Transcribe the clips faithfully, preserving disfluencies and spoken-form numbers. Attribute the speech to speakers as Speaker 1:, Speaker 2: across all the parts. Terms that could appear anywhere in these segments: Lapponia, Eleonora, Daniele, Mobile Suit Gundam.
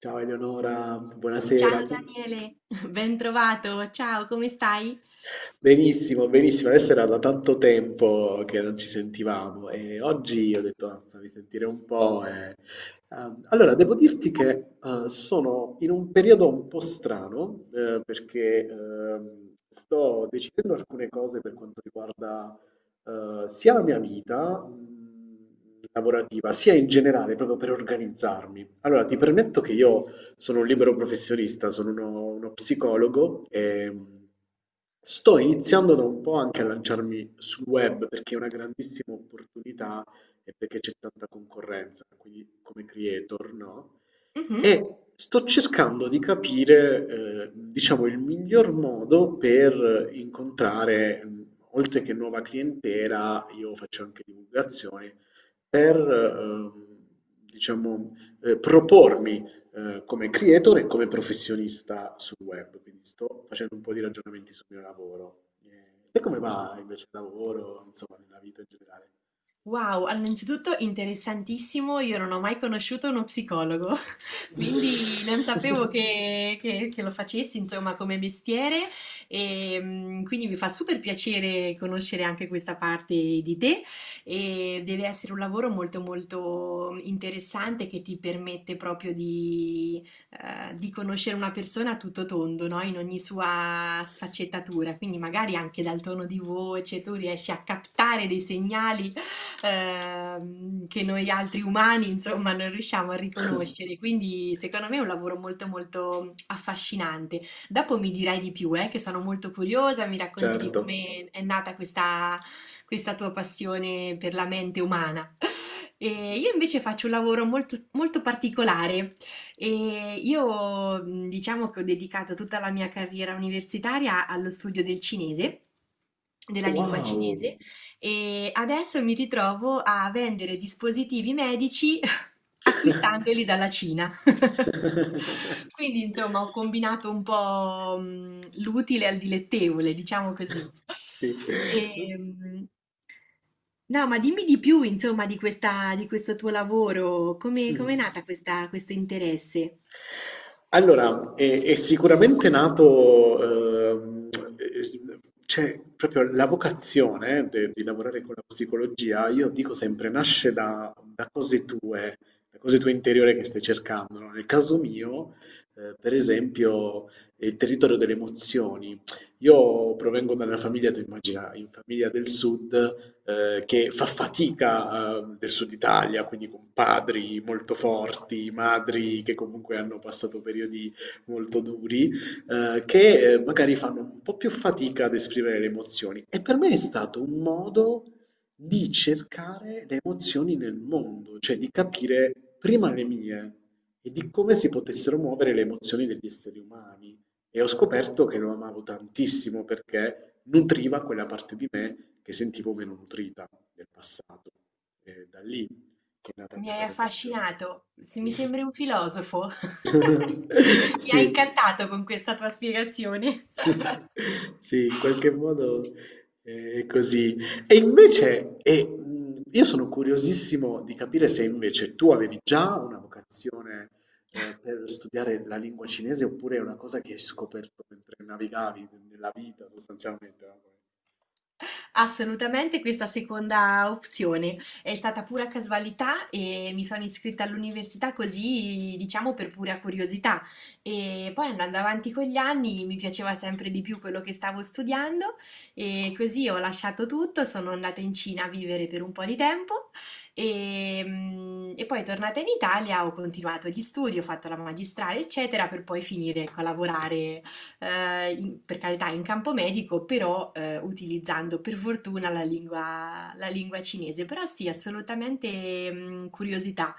Speaker 1: Ciao Eleonora,
Speaker 2: Ciao
Speaker 1: buonasera. Com-
Speaker 2: Daniele, ben trovato, ciao, come stai?
Speaker 1: Benissimo, benissimo. Adesso era da tanto tempo che non ci sentivamo e oggi ho detto, ah, fammi sentire un po'. e- Ehm, Allora, devo dirti che eh, sono in un periodo un po' strano, eh, perché ehm, sto decidendo alcune cose per quanto riguarda eh, sia la mia vita, mh, lavorativa, sia in generale, proprio per organizzarmi. Allora, ti permetto che io sono un libero professionista, sono uno, uno psicologo e sto iniziando da un po' anche a lanciarmi sul web perché è una grandissima opportunità e perché c'è tanta concorrenza, quindi come creator, no?
Speaker 2: Mhm.
Speaker 1: E sto cercando di capire, eh, diciamo, il miglior modo per incontrare, mh, oltre che nuova clientela, io faccio anche divulgazione, per, ehm, diciamo, eh, propormi, eh, come creator e come professionista sul web. Quindi sto facendo un po' di ragionamenti sul mio lavoro. Eh, te come va invece il lavoro, insomma, nella vita in generale?
Speaker 2: Wow, allora, innanzitutto interessantissimo, io non ho mai conosciuto uno psicologo, quindi non sapevo che, che- che lo facessi, insomma, come mestiere e mm, quindi mi fa super piacere conoscere anche questa parte di te e deve essere un lavoro molto molto interessante che ti permette proprio di, eh, di conoscere una persona a tutto tondo, no? In ogni sua sfaccettatura, quindi magari anche dal tono di voce tu riesci a captare dei segnali ehm, che noi altri umani, insomma, non riusciamo a riconoscere. Quindi, secondo me è un lavoro molto, molto affascinante. Dopo mi dirai di più, eh, che sono molto curiosa, mi racconti di
Speaker 1: Certo.
Speaker 2: come è nata questa, questa tua passione per la mente umana.
Speaker 1: Sì.
Speaker 2: E io invece faccio un lavoro molto, molto particolare e io mh, diciamo che ho dedicato tutta la mia carriera universitaria allo studio del cinese, della lingua
Speaker 1: Wow!
Speaker 2: cinese e adesso mi ritrovo a vendere dispositivi medici acquistandoli dalla Cina. Quindi insomma ho combinato un po', mhmm, l'utile al dilettevole, diciamo così.
Speaker 1: Sì. Mh.
Speaker 2: Ehm no, ma dimmi di più insomma di questa di questo tuo lavoro, come com'è nata questa questo interesse?
Speaker 1: Allora, è è sicuramente nato, ehm, ehm, cioè proprio la vocazione de di lavorare con la psicologia, io dico sempre, nasce da da cose tue, da cose tue interiore che stai cercando, no, nel caso mio, ehm, per esempio, è il territorio delle emozioni. Io provengo da una famiglia, tu immagina, in famiglia del sud, eh, che fa fatica, eh, del sud Italia, quindi con padri molto forti, madri che comunque hanno passato periodi molto duri, eh, che, eh, magari fanno un po' più fatica ad esprimere le emozioni. E per me è stato un modo di cercare le emozioni nel mondo, cioè di capire prima le mie e di come si potessero muovere le emozioni degli esseri umani. E ho scoperto che lo amavo tantissimo perché nutriva quella parte di me che sentivo meno nutrita nel passato. E da lì che è nata
Speaker 2: Mi hai
Speaker 1: questa vocazione.
Speaker 2: affascinato, se mi sembri un filosofo. Mi
Speaker 1: Sì.
Speaker 2: hai incantato con questa tua spiegazione.
Speaker 1: Sì, in qualche modo eh, è così. E invece, e, mh, io sono curiosissimo di capire se invece tu avevi già una vocazione eh, per studiare la lingua cinese, oppure è una cosa che hai scoperto mentre navigavi nella vita sostanzialmente.
Speaker 2: Assolutamente questa seconda opzione. È stata pura casualità e mi sono iscritta all'università così, diciamo, per pura curiosità. E poi andando avanti con gli anni mi piaceva sempre di più quello che stavo studiando e così ho lasciato tutto, sono andata in Cina a vivere per un po' di tempo e, mm, e poi tornata in Italia ho continuato gli studi, ho fatto la magistrale, eccetera, per poi finire, ecco, a lavorare eh, in- per carità in campo medico, però eh, utilizzando per fortuna la lingua, la lingua cinese. Però sì,
Speaker 1: No?
Speaker 2: assolutamente mh, curiosità.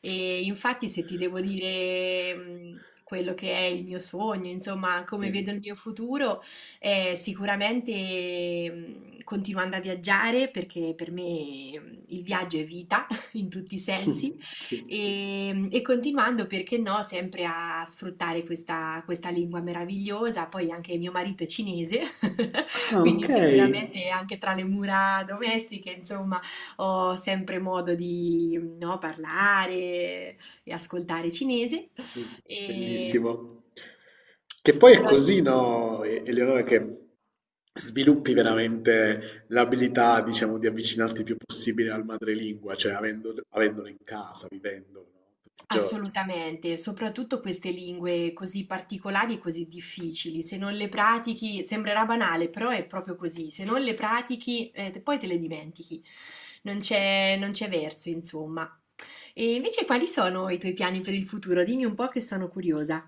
Speaker 2: E infatti se ti devo dire mh, quello che è il mio sogno, insomma, come
Speaker 1: Sì.
Speaker 2: vedo il mio futuro, eh, sicuramente mh, continuando a viaggiare, perché per me mh, il viaggio è vita in tutti i sensi.
Speaker 1: Sì.
Speaker 2: E, e continuando, perché no, sempre a sfruttare questa, questa lingua meravigliosa. Poi anche mio marito è cinese,
Speaker 1: Ah,
Speaker 2: quindi
Speaker 1: okay.
Speaker 2: sicuramente anche tra le mura domestiche, insomma, ho sempre modo di, no, parlare e ascoltare cinese.
Speaker 1: Sì,
Speaker 2: E,
Speaker 1: bellissimo. Che poi è
Speaker 2: però
Speaker 1: così,
Speaker 2: sì.
Speaker 1: no, E- Eleonora, che sviluppi veramente l'abilità, diciamo, di avvicinarti il più possibile al madrelingua, cioè avendo- avendolo in casa, vivendolo, no, tutti i giorni.
Speaker 2: Assolutamente, soprattutto queste lingue così particolari e così difficili, se non le pratichi, sembrerà banale, però è proprio così, se non le pratichi, eh, te- poi te le dimentichi, non c'è non c'è verso, insomma. E invece quali sono i tuoi piani per il futuro? Dimmi un po' che sono curiosa.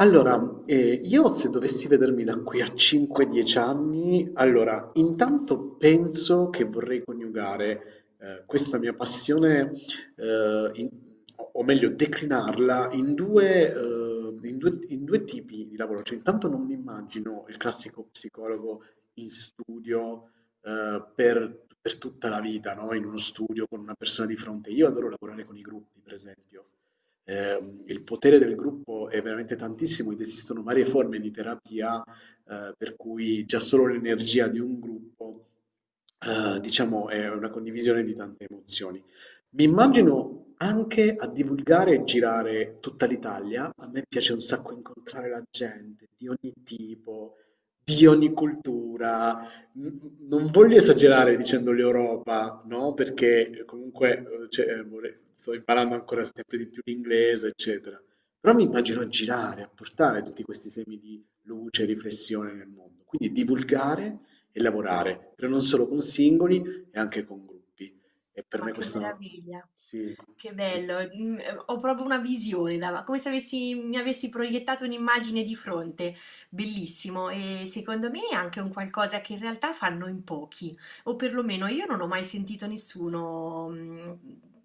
Speaker 1: Allora, ehm, io, se dovessi vedermi da qui a cinque, dieci anni, allora intanto penso che vorrei coniugare, ehm, questa mia passione, ehm, in o o meglio declinarla in due, ehm, in due in due tipi di lavoro. Cioè intanto non mi immagino il classico psicologo in studio, ehm, per per tutta la vita, no, in uno studio con una persona di fronte. Io adoro lavorare con i gruppi, per esempio. Ehm, il potere del gruppo è veramente tantissimo ed esistono varie forme di terapia, eh, per cui già solo l'energia di un gruppo, eh, diciamo, è una condivisione di tante emozioni. Mi immagino anche a divulgare e girare tutta l'Italia. A me piace un sacco incontrare la gente di ogni tipo, di ogni cultura. N- Non voglio esagerare dicendo l'Europa, no? Perché comunque, eh, cioè, eh, vorrei- sto imparando ancora sempre di più l'inglese, eccetera. Però mi immagino a girare, a portare tutti questi semi di luce e riflessione nel mondo. Quindi divulgare e lavorare, però non solo con singoli e anche con gruppi. E per
Speaker 2: Ma
Speaker 1: me
Speaker 2: che
Speaker 1: questo
Speaker 2: meraviglia,
Speaker 1: sì,
Speaker 2: che
Speaker 1: per-
Speaker 2: bello. Mm, eh, ho proprio una visione, dava- come se avessi- mi avessi proiettato un'immagine di fronte. Bellissimo e secondo me è anche un qualcosa che in realtà fanno in pochi, o perlomeno io non ho mai sentito nessuno mm,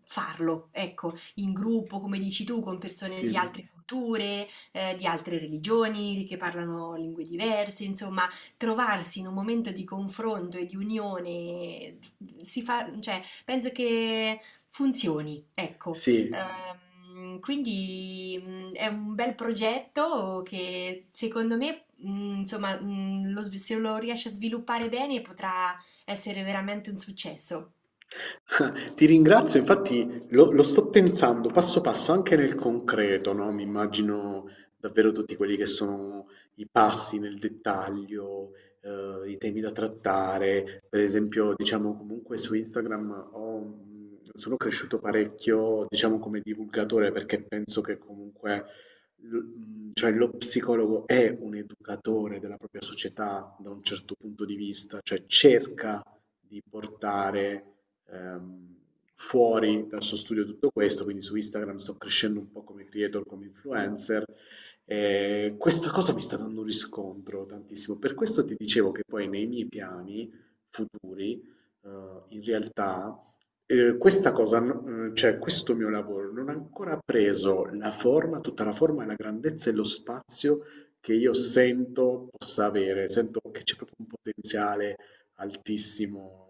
Speaker 2: farlo, ecco, in gruppo, come dici tu, con persone di
Speaker 1: sì,
Speaker 2: altre culture, eh, di altre religioni, che parlano lingue diverse, insomma, trovarsi in un momento di confronto e di unione mm, si fa, cioè, penso che funzioni, ecco.
Speaker 1: sì.
Speaker 2: Ehm, quindi mh, è un bel progetto che secondo me, mh, insomma, mh, lo svi- se lo riesce a sviluppare bene potrà essere veramente un successo.
Speaker 1: Ti ringrazio, infatti lo, lo sto pensando passo passo anche nel concreto, no? Mi immagino davvero tutti quelli che sono i passi nel dettaglio, eh, i temi da trattare. Per esempio, diciamo, comunque su Instagram ho- mh, sono cresciuto parecchio, diciamo come divulgatore, perché penso che comunque, l- mh, cioè, lo psicologo è un educatore della propria società da un certo punto di vista, cioè cerca di portare ehm, fuori dal suo studio tutto questo, quindi su Instagram sto crescendo un po' come creator, come influencer. E questa cosa mi sta dando un riscontro tantissimo. Per questo ti dicevo che poi nei miei piani futuri, eh, in realtà, eh, questa cosa, n- eh, cioè questo mio lavoro non ha ancora preso la forma, tutta la forma e la grandezza e lo spazio che io sento possa avere. Sento che c'è proprio un potenziale altissimo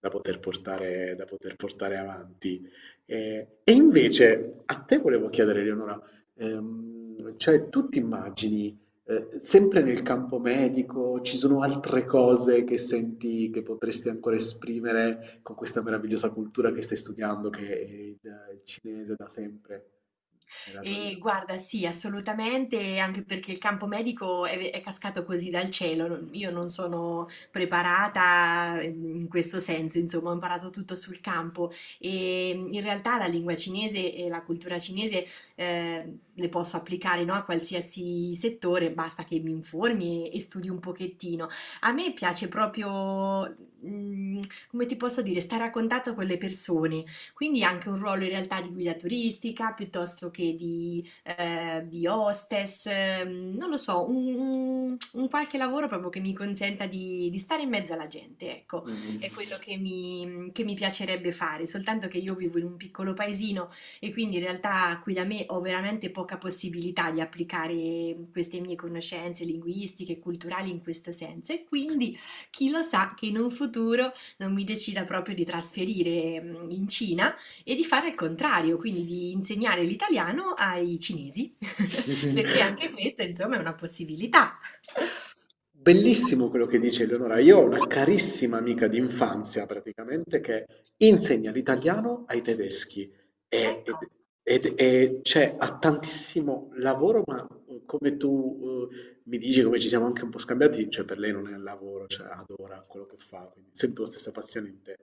Speaker 1: da poter portare, da poter portare avanti. Eh, E, invece a te volevo chiedere, Leonora, ehm, cioè tu ti immagini eh, sempre nel campo medico, ci sono altre cose che senti che potresti ancora esprimere con questa meravigliosa cultura che stai studiando, che è il, il cinese da sempre nella tua
Speaker 2: E
Speaker 1: vita?
Speaker 2: guarda, sì, assolutamente, anche perché il campo medico è, è cascato così dal cielo. non- Io non sono preparata ehm, in questo senso, insomma, ho imparato tutto sul campo e in realtà la lingua cinese e la cultura cinese eh, le posso applicare, no, a qualsiasi settore, basta che mi informi e, e studi un pochettino. A me piace proprio, mm, come ti posso dire, stare a contatto con le persone, quindi anche un ruolo in realtà di guida turistica piuttosto che di, eh, di hostess, ehm, non lo so, un, un- un qualche lavoro proprio che mi consenta di, di stare in mezzo alla gente, ecco,
Speaker 1: Mm.
Speaker 2: è quello che mi, che mi piacerebbe fare, soltanto che io vivo in un piccolo paesino e quindi in realtà qui da me ho veramente poca possibilità di applicare queste mie conoscenze linguistiche e culturali in questo senso e quindi chi lo sa che in un futuro non mi decida proprio di trasferire mh, in Cina e di fare il contrario, quindi di insegnare l'italiano ai cinesi,
Speaker 1: Sì.
Speaker 2: perché anche questa, insomma, è una possibilità.
Speaker 1: Bellissimo quello che dice Eleonora. Io ho una carissima amica di infanzia praticamente che insegna l'italiano ai tedeschi e,
Speaker 2: Ecco.
Speaker 1: ed- ed- e c'è ha tantissimo lavoro, ma, eh, come tu, eh, mi dici, come ci siamo anche un po' scambiati, cioè per lei non è lavoro, cioè adora quello che fa, quindi sento la stessa passione in te.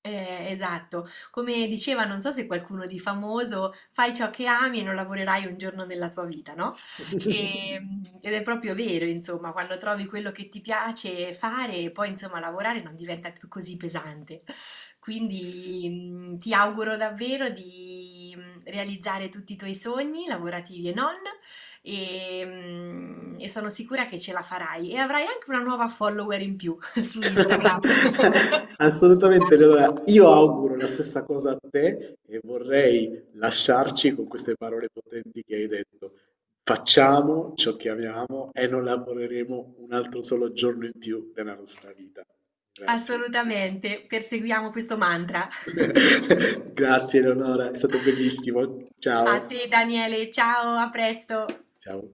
Speaker 2: Eh, esatto, come diceva, non so se qualcuno di famoso, fai ciò che ami e non lavorerai un giorno nella tua vita, no? E, ed è proprio vero, insomma, quando trovi quello che ti piace fare, poi insomma lavorare non diventa più così pesante. Quindi mm, ti auguro davvero di mm, realizzare tutti i tuoi sogni, lavorativi e non, e, mm, e sono sicura che ce la farai e avrai anche una nuova follower in più su Instagram.
Speaker 1: Assolutamente, Leonora. Io auguro la stessa cosa a te e vorrei lasciarci con queste parole potenti che hai detto. Facciamo ciò che amiamo e non lavoreremo un altro solo giorno in più della nostra vita. Grazie.
Speaker 2: Assolutamente, perseguiamo questo mantra.
Speaker 1: Grazie, Leonora, è stato bellissimo.
Speaker 2: A
Speaker 1: Ciao.
Speaker 2: te Daniele, ciao, a presto.
Speaker 1: Ciao.